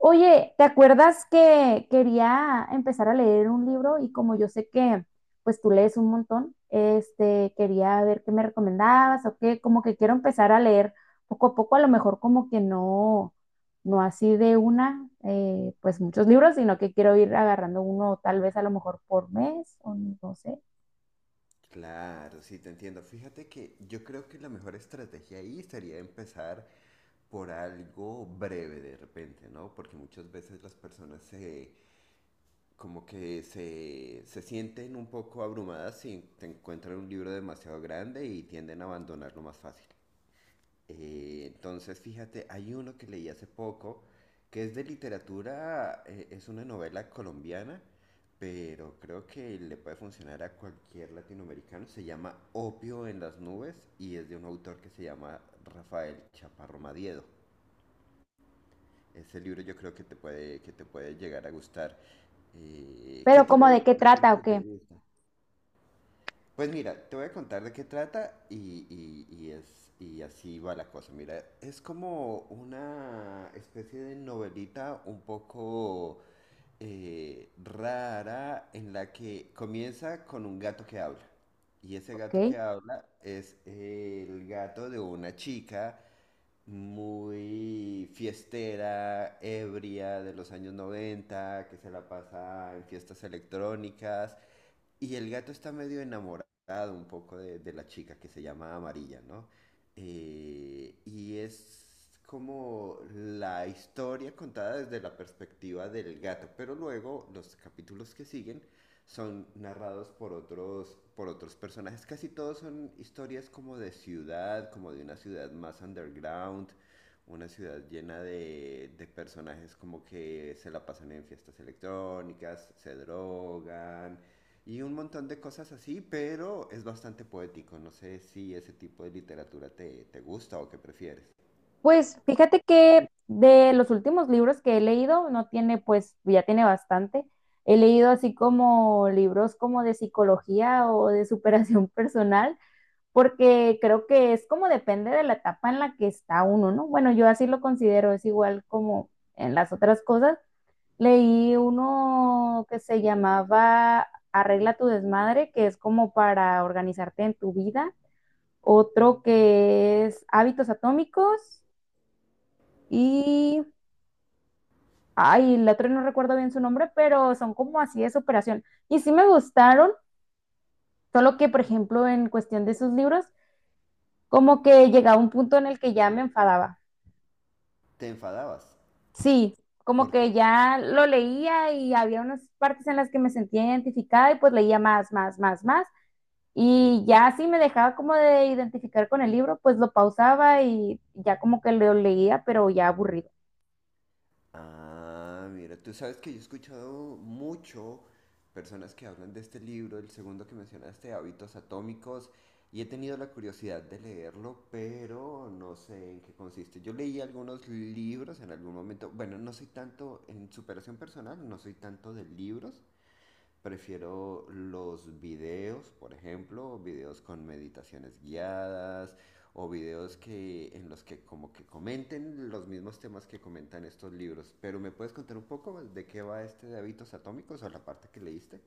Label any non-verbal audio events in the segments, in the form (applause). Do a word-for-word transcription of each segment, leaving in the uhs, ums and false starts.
Oye, ¿te acuerdas que quería empezar a leer un libro y como yo sé que pues tú lees un montón, este, quería ver qué me recomendabas o qué, como que quiero empezar a leer poco a poco, a lo mejor como que no, no así de una, eh, pues muchos libros, sino que quiero ir agarrando uno tal vez a lo mejor por mes o no sé, Claro, sí, te entiendo. Fíjate que yo creo que la mejor estrategia ahí sería empezar por algo breve de repente, ¿no? Porque muchas veces las personas se, como que se, se sienten un poco abrumadas si te encuentran un libro demasiado grande y tienden a abandonarlo más fácil. Eh, entonces, fíjate, hay uno que leí hace poco, que es de literatura, eh, es una novela colombiana, pero creo que le puede funcionar a cualquier latinoamericano. Se llama Opio en las nubes y es de un autor que se llama Rafael Chaparro Madiedo. Ese libro yo creo que te puede, que te puede llegar a gustar. Eh, ¿qué pero como tipo de de qué literatura trata o que te qué, gusta? Pues mira, te voy a contar de qué trata, y, y- y es, y así va la cosa. Mira, es como una especie de novelita un poco eh, rara, en la que comienza con un gato que habla. Y ese ok. gato que habla es el gato de una chica muy fiestera, ebria de los años noventa, que se la pasa en fiestas electrónicas, y el gato está medio enamorado un poco de, de la chica que se llama Amarilla, ¿no? Eh, y es como la historia contada desde la perspectiva del gato, pero luego los capítulos que siguen son narrados por otros, por otros personajes. Casi todos son historias como de ciudad, como de una ciudad más underground, una ciudad llena de, de personajes como que se la pasan en fiestas electrónicas, se drogan, y un montón de cosas así, pero es bastante poético. No sé si ese tipo de literatura te, te gusta o qué prefieres. Pues fíjate que de los últimos libros que he leído, no tiene, pues ya tiene bastante. He leído así como libros como de psicología o de superación (laughs) personal, porque creo que es como depende de la etapa en la que está uno, ¿no? Bueno, yo así lo considero, es igual como en las otras cosas. Leí uno que se llamaba Arregla tu desmadre, que es como para organizarte en tu vida. Otro que es Hábitos Atómicos y, ay, la otra no recuerdo bien su nombre, pero son como así de superación. Y sí me gustaron, solo que, por ejemplo, en cuestión de sus libros, como que llegaba un punto en el que ya me enfadaba. ¿Te enfadabas? Sí, como ¿Por que qué? ya lo leía y había unas partes en las que me sentía identificada y pues leía más, más, más, más. Sí. Y ya así me dejaba como de identificar con el libro, pues lo pausaba y ya como que lo leía, pero ya aburrido. Ah, mira, tú sabes que yo he escuchado mucho personas que hablan de este libro, el segundo que mencionaste, Hábitos Atómicos, y he tenido la curiosidad de leerlo, pero no sé en qué consiste. Yo leí algunos libros en algún momento, bueno, no soy tanto en superación personal, no soy tanto de libros. Prefiero los videos, por ejemplo, videos con meditaciones guiadas o videos que en los que como que comenten los mismos temas que comentan estos libros. Pero ¿me puedes contar un poco más de qué va este de hábitos atómicos o la parte que leíste?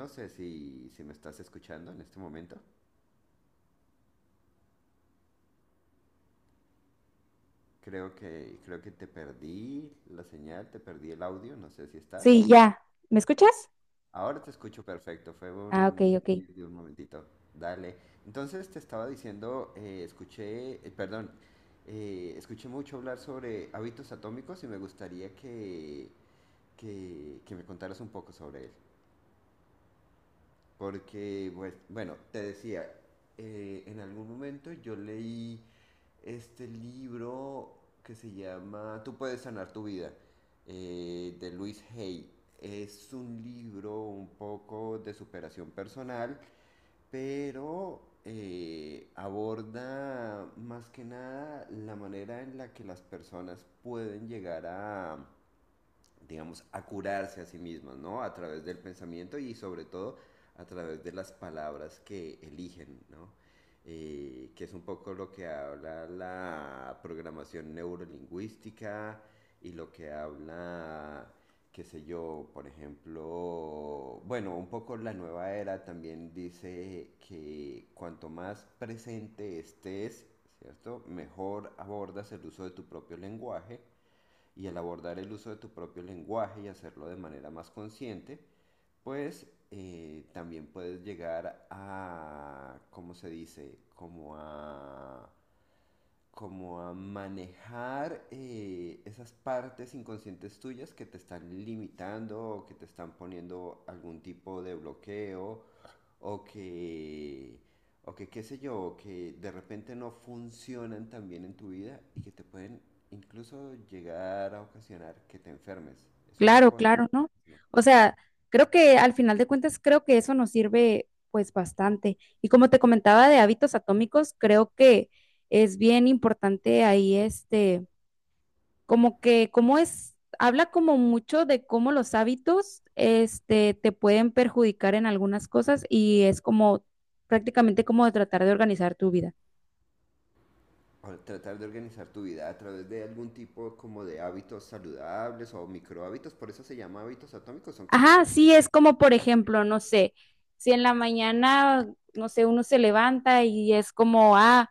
No sé si, si me estás escuchando en este momento. Creo que creo que te perdí la señal, te perdí el audio, no sé si estás. Sí, ya. ¿Me escuchas? Ahora te escucho perfecto, fue Ah, ok, un ok. desliz de un momentito. Dale. Entonces te estaba diciendo, eh, escuché, eh, perdón, eh, escuché mucho hablar sobre hábitos atómicos y me gustaría que, que, que me contaras un poco sobre él. Porque, pues, bueno, te decía, eh, en algún momento yo leí este libro que se llama Tú puedes sanar tu vida, eh, de Luis Hay. Es un libro un poco de superación personal, pero eh, aborda más que nada la manera en la que las personas pueden llegar a, digamos, a curarse a sí mismas, ¿no? A través del pensamiento y sobre todo a través de las palabras que eligen, ¿no? Eh, que es un poco lo que habla la programación neurolingüística y lo que habla, qué sé yo, por ejemplo, bueno, un poco la nueva era también dice que cuanto más presente estés, ¿cierto? Mejor abordas el uso de tu propio lenguaje, y al abordar el uso de tu propio lenguaje y hacerlo de manera más consciente, pues eh, también puedes llegar a, ¿cómo se dice? Como a, como a, manejar eh, esas partes inconscientes tuyas que te están limitando o que te están poniendo algún tipo de bloqueo, o que, o que qué sé yo, o que de repente no funcionan tan bien en tu vida y que te pueden incluso llegar a ocasionar que te enfermes. Es una Claro, cosa. claro, ¿no? ¿No? O sea, creo que al final de cuentas, creo que eso nos sirve pues bastante. Y como te comentaba de hábitos atómicos, creo que es bien importante ahí este, como que, como es, habla como mucho de cómo los hábitos este, te pueden perjudicar en algunas cosas y es como prácticamente como de tratar de organizar tu vida. O tratar de organizar tu vida a través de algún tipo como de hábitos saludables o microhábitos, por eso se llama hábitos atómicos, son cosas Ajá, pequeñas. sí, es como por ejemplo, no sé, si en la mañana, no sé, uno se levanta y es como, ah,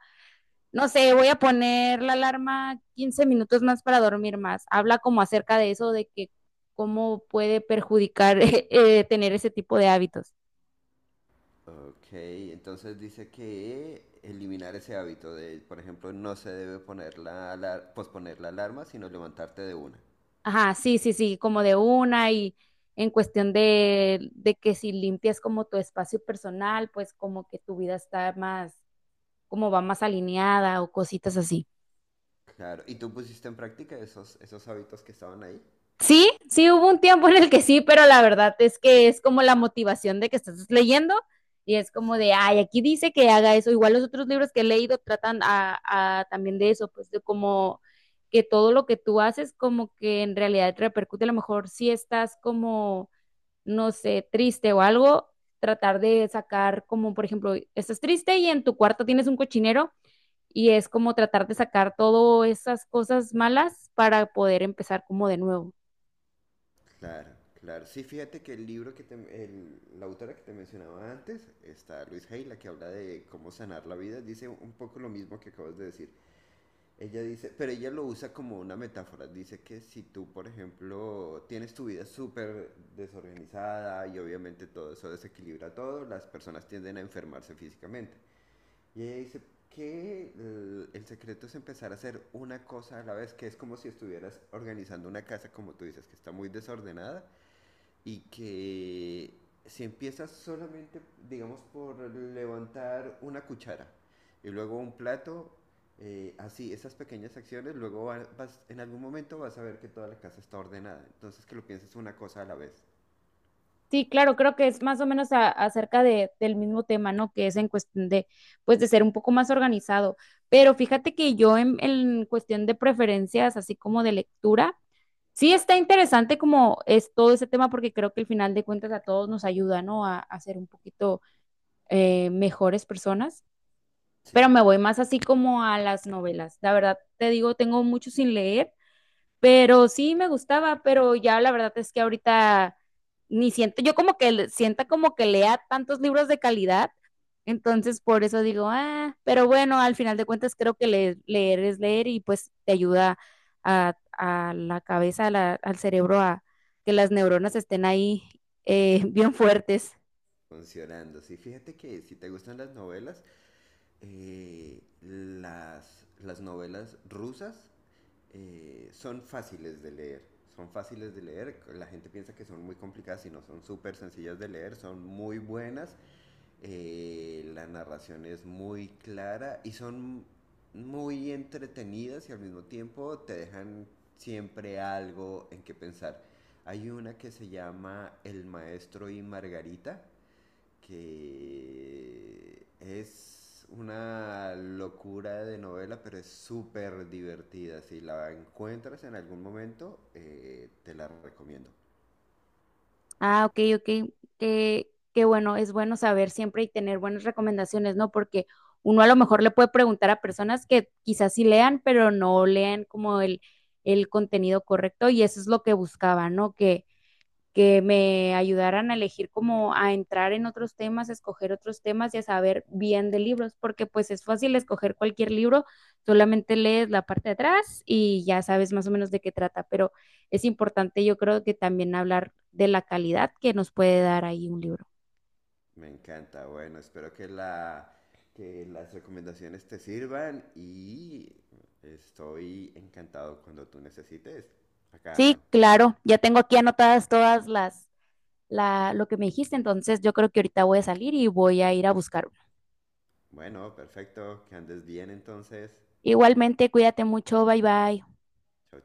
no sé, voy a poner la alarma quince minutos más para dormir más. Habla como acerca de eso, de que cómo puede perjudicar (laughs) eh, tener ese tipo de hábitos. Ok, entonces dice que eliminar ese hábito de, por ejemplo, no se debe poner la alar- posponer la alarma, sino levantarte de una. Ajá, sí, sí, sí, como de una y en cuestión de, de que si limpias como tu espacio personal, pues como que tu vida está más, como va más alineada o cositas así. Claro, ¿y tú pusiste en práctica esos, esos hábitos que estaban ahí? Sí, sí hubo un tiempo en el que sí, pero la verdad es que es como la motivación de que estás leyendo y es como Sí. de, ay, aquí dice que haga eso. Igual los otros libros que he leído tratan a, a también de eso, pues de como que todo lo que tú haces como que en realidad te repercute, a lo mejor si estás como, no sé, triste o algo, tratar de sacar como, por ejemplo, estás triste y en tu cuarto tienes un cochinero y es como tratar de sacar todas esas cosas malas para poder empezar como de nuevo. Claro, claro. Sí, fíjate que el libro que te, el- la autora que te mencionaba antes, está Luis Hay, la que habla de cómo sanar la vida, dice un poco lo mismo que acabas de decir. Ella dice, pero ella lo usa como una metáfora. Dice que si tú, por ejemplo, tienes tu vida súper desorganizada y obviamente todo eso desequilibra todo, las personas tienden a enfermarse físicamente. Y ella dice que el, el secreto es empezar a hacer una cosa a la vez, que es como si estuvieras organizando una casa, como tú dices, que está muy desordenada, y que si empiezas solamente, digamos, por levantar una cuchara y luego un plato, eh, así, esas pequeñas acciones, luego va- vas, en algún momento vas a ver que toda la casa está ordenada. Entonces que lo pienses una cosa a la vez. Sí, claro, creo que es más o menos a- acerca de, del mismo tema, ¿no? Que es en cuestión de, pues, de ser un poco más organizado. Pero fíjate que yo en, en cuestión de preferencias, así como de lectura, sí está interesante como es todo ese tema, porque creo que al final de cuentas a todos nos ayuda, ¿no? A, a ser un poquito eh, mejores personas. Sí. Pero me voy más así como a las novelas. La verdad, te digo, tengo mucho sin leer. Pero sí me gustaba, pero ya la verdad es que ahorita ni siento, yo como que le- sienta como que lea tantos libros de calidad, entonces por eso digo, ah, pero bueno, al final de cuentas creo que leer, leer es leer y pues te ayuda a, a la cabeza, a la- al cerebro, a que las neuronas estén ahí eh, (laughs) bien fuertes. Funcionando. Sí, fíjate que si te gustan las novelas, eh, las, las, novelas rusas eh, son fáciles de leer. Son fáciles de leer. La gente piensa que son muy complicadas y no, son súper sencillas de leer. Son muy buenas. Eh, la narración es muy clara y son muy entretenidas y al mismo tiempo te dejan siempre algo en que pensar. Hay una que se llama El Maestro y Margarita, que es una locura de novela, pero es súper divertida. Si la encuentras en algún momento, eh, te la recomiendo. Ah, ok, ok. Qué, qué bueno, es bueno saber siempre y tener buenas recomendaciones, ¿no? Porque uno a lo mejor le puede preguntar a personas que quizás sí lean, pero no lean como el, el contenido correcto y eso es lo que buscaba, ¿no? Que me ayudaran a elegir como a entrar en otros temas, a escoger otros temas y a saber bien de libros, porque pues es fácil escoger cualquier libro, solamente lees la parte de atrás y ya sabes más o menos de qué trata, pero es importante yo creo que también hablar de la calidad que nos puede dar ahí un libro. Me encanta. Bueno, espero que la que las recomendaciones te sirvan, y estoy encantado cuando tú necesites. Acá Sí, ando. claro, ya tengo aquí anotadas todas las, la, lo que me dijiste, entonces yo creo que ahorita voy a salir y voy a ir a buscar uno. Bueno, perfecto. Que andes bien entonces. Igualmente, cuídate mucho, bye bye. Chao,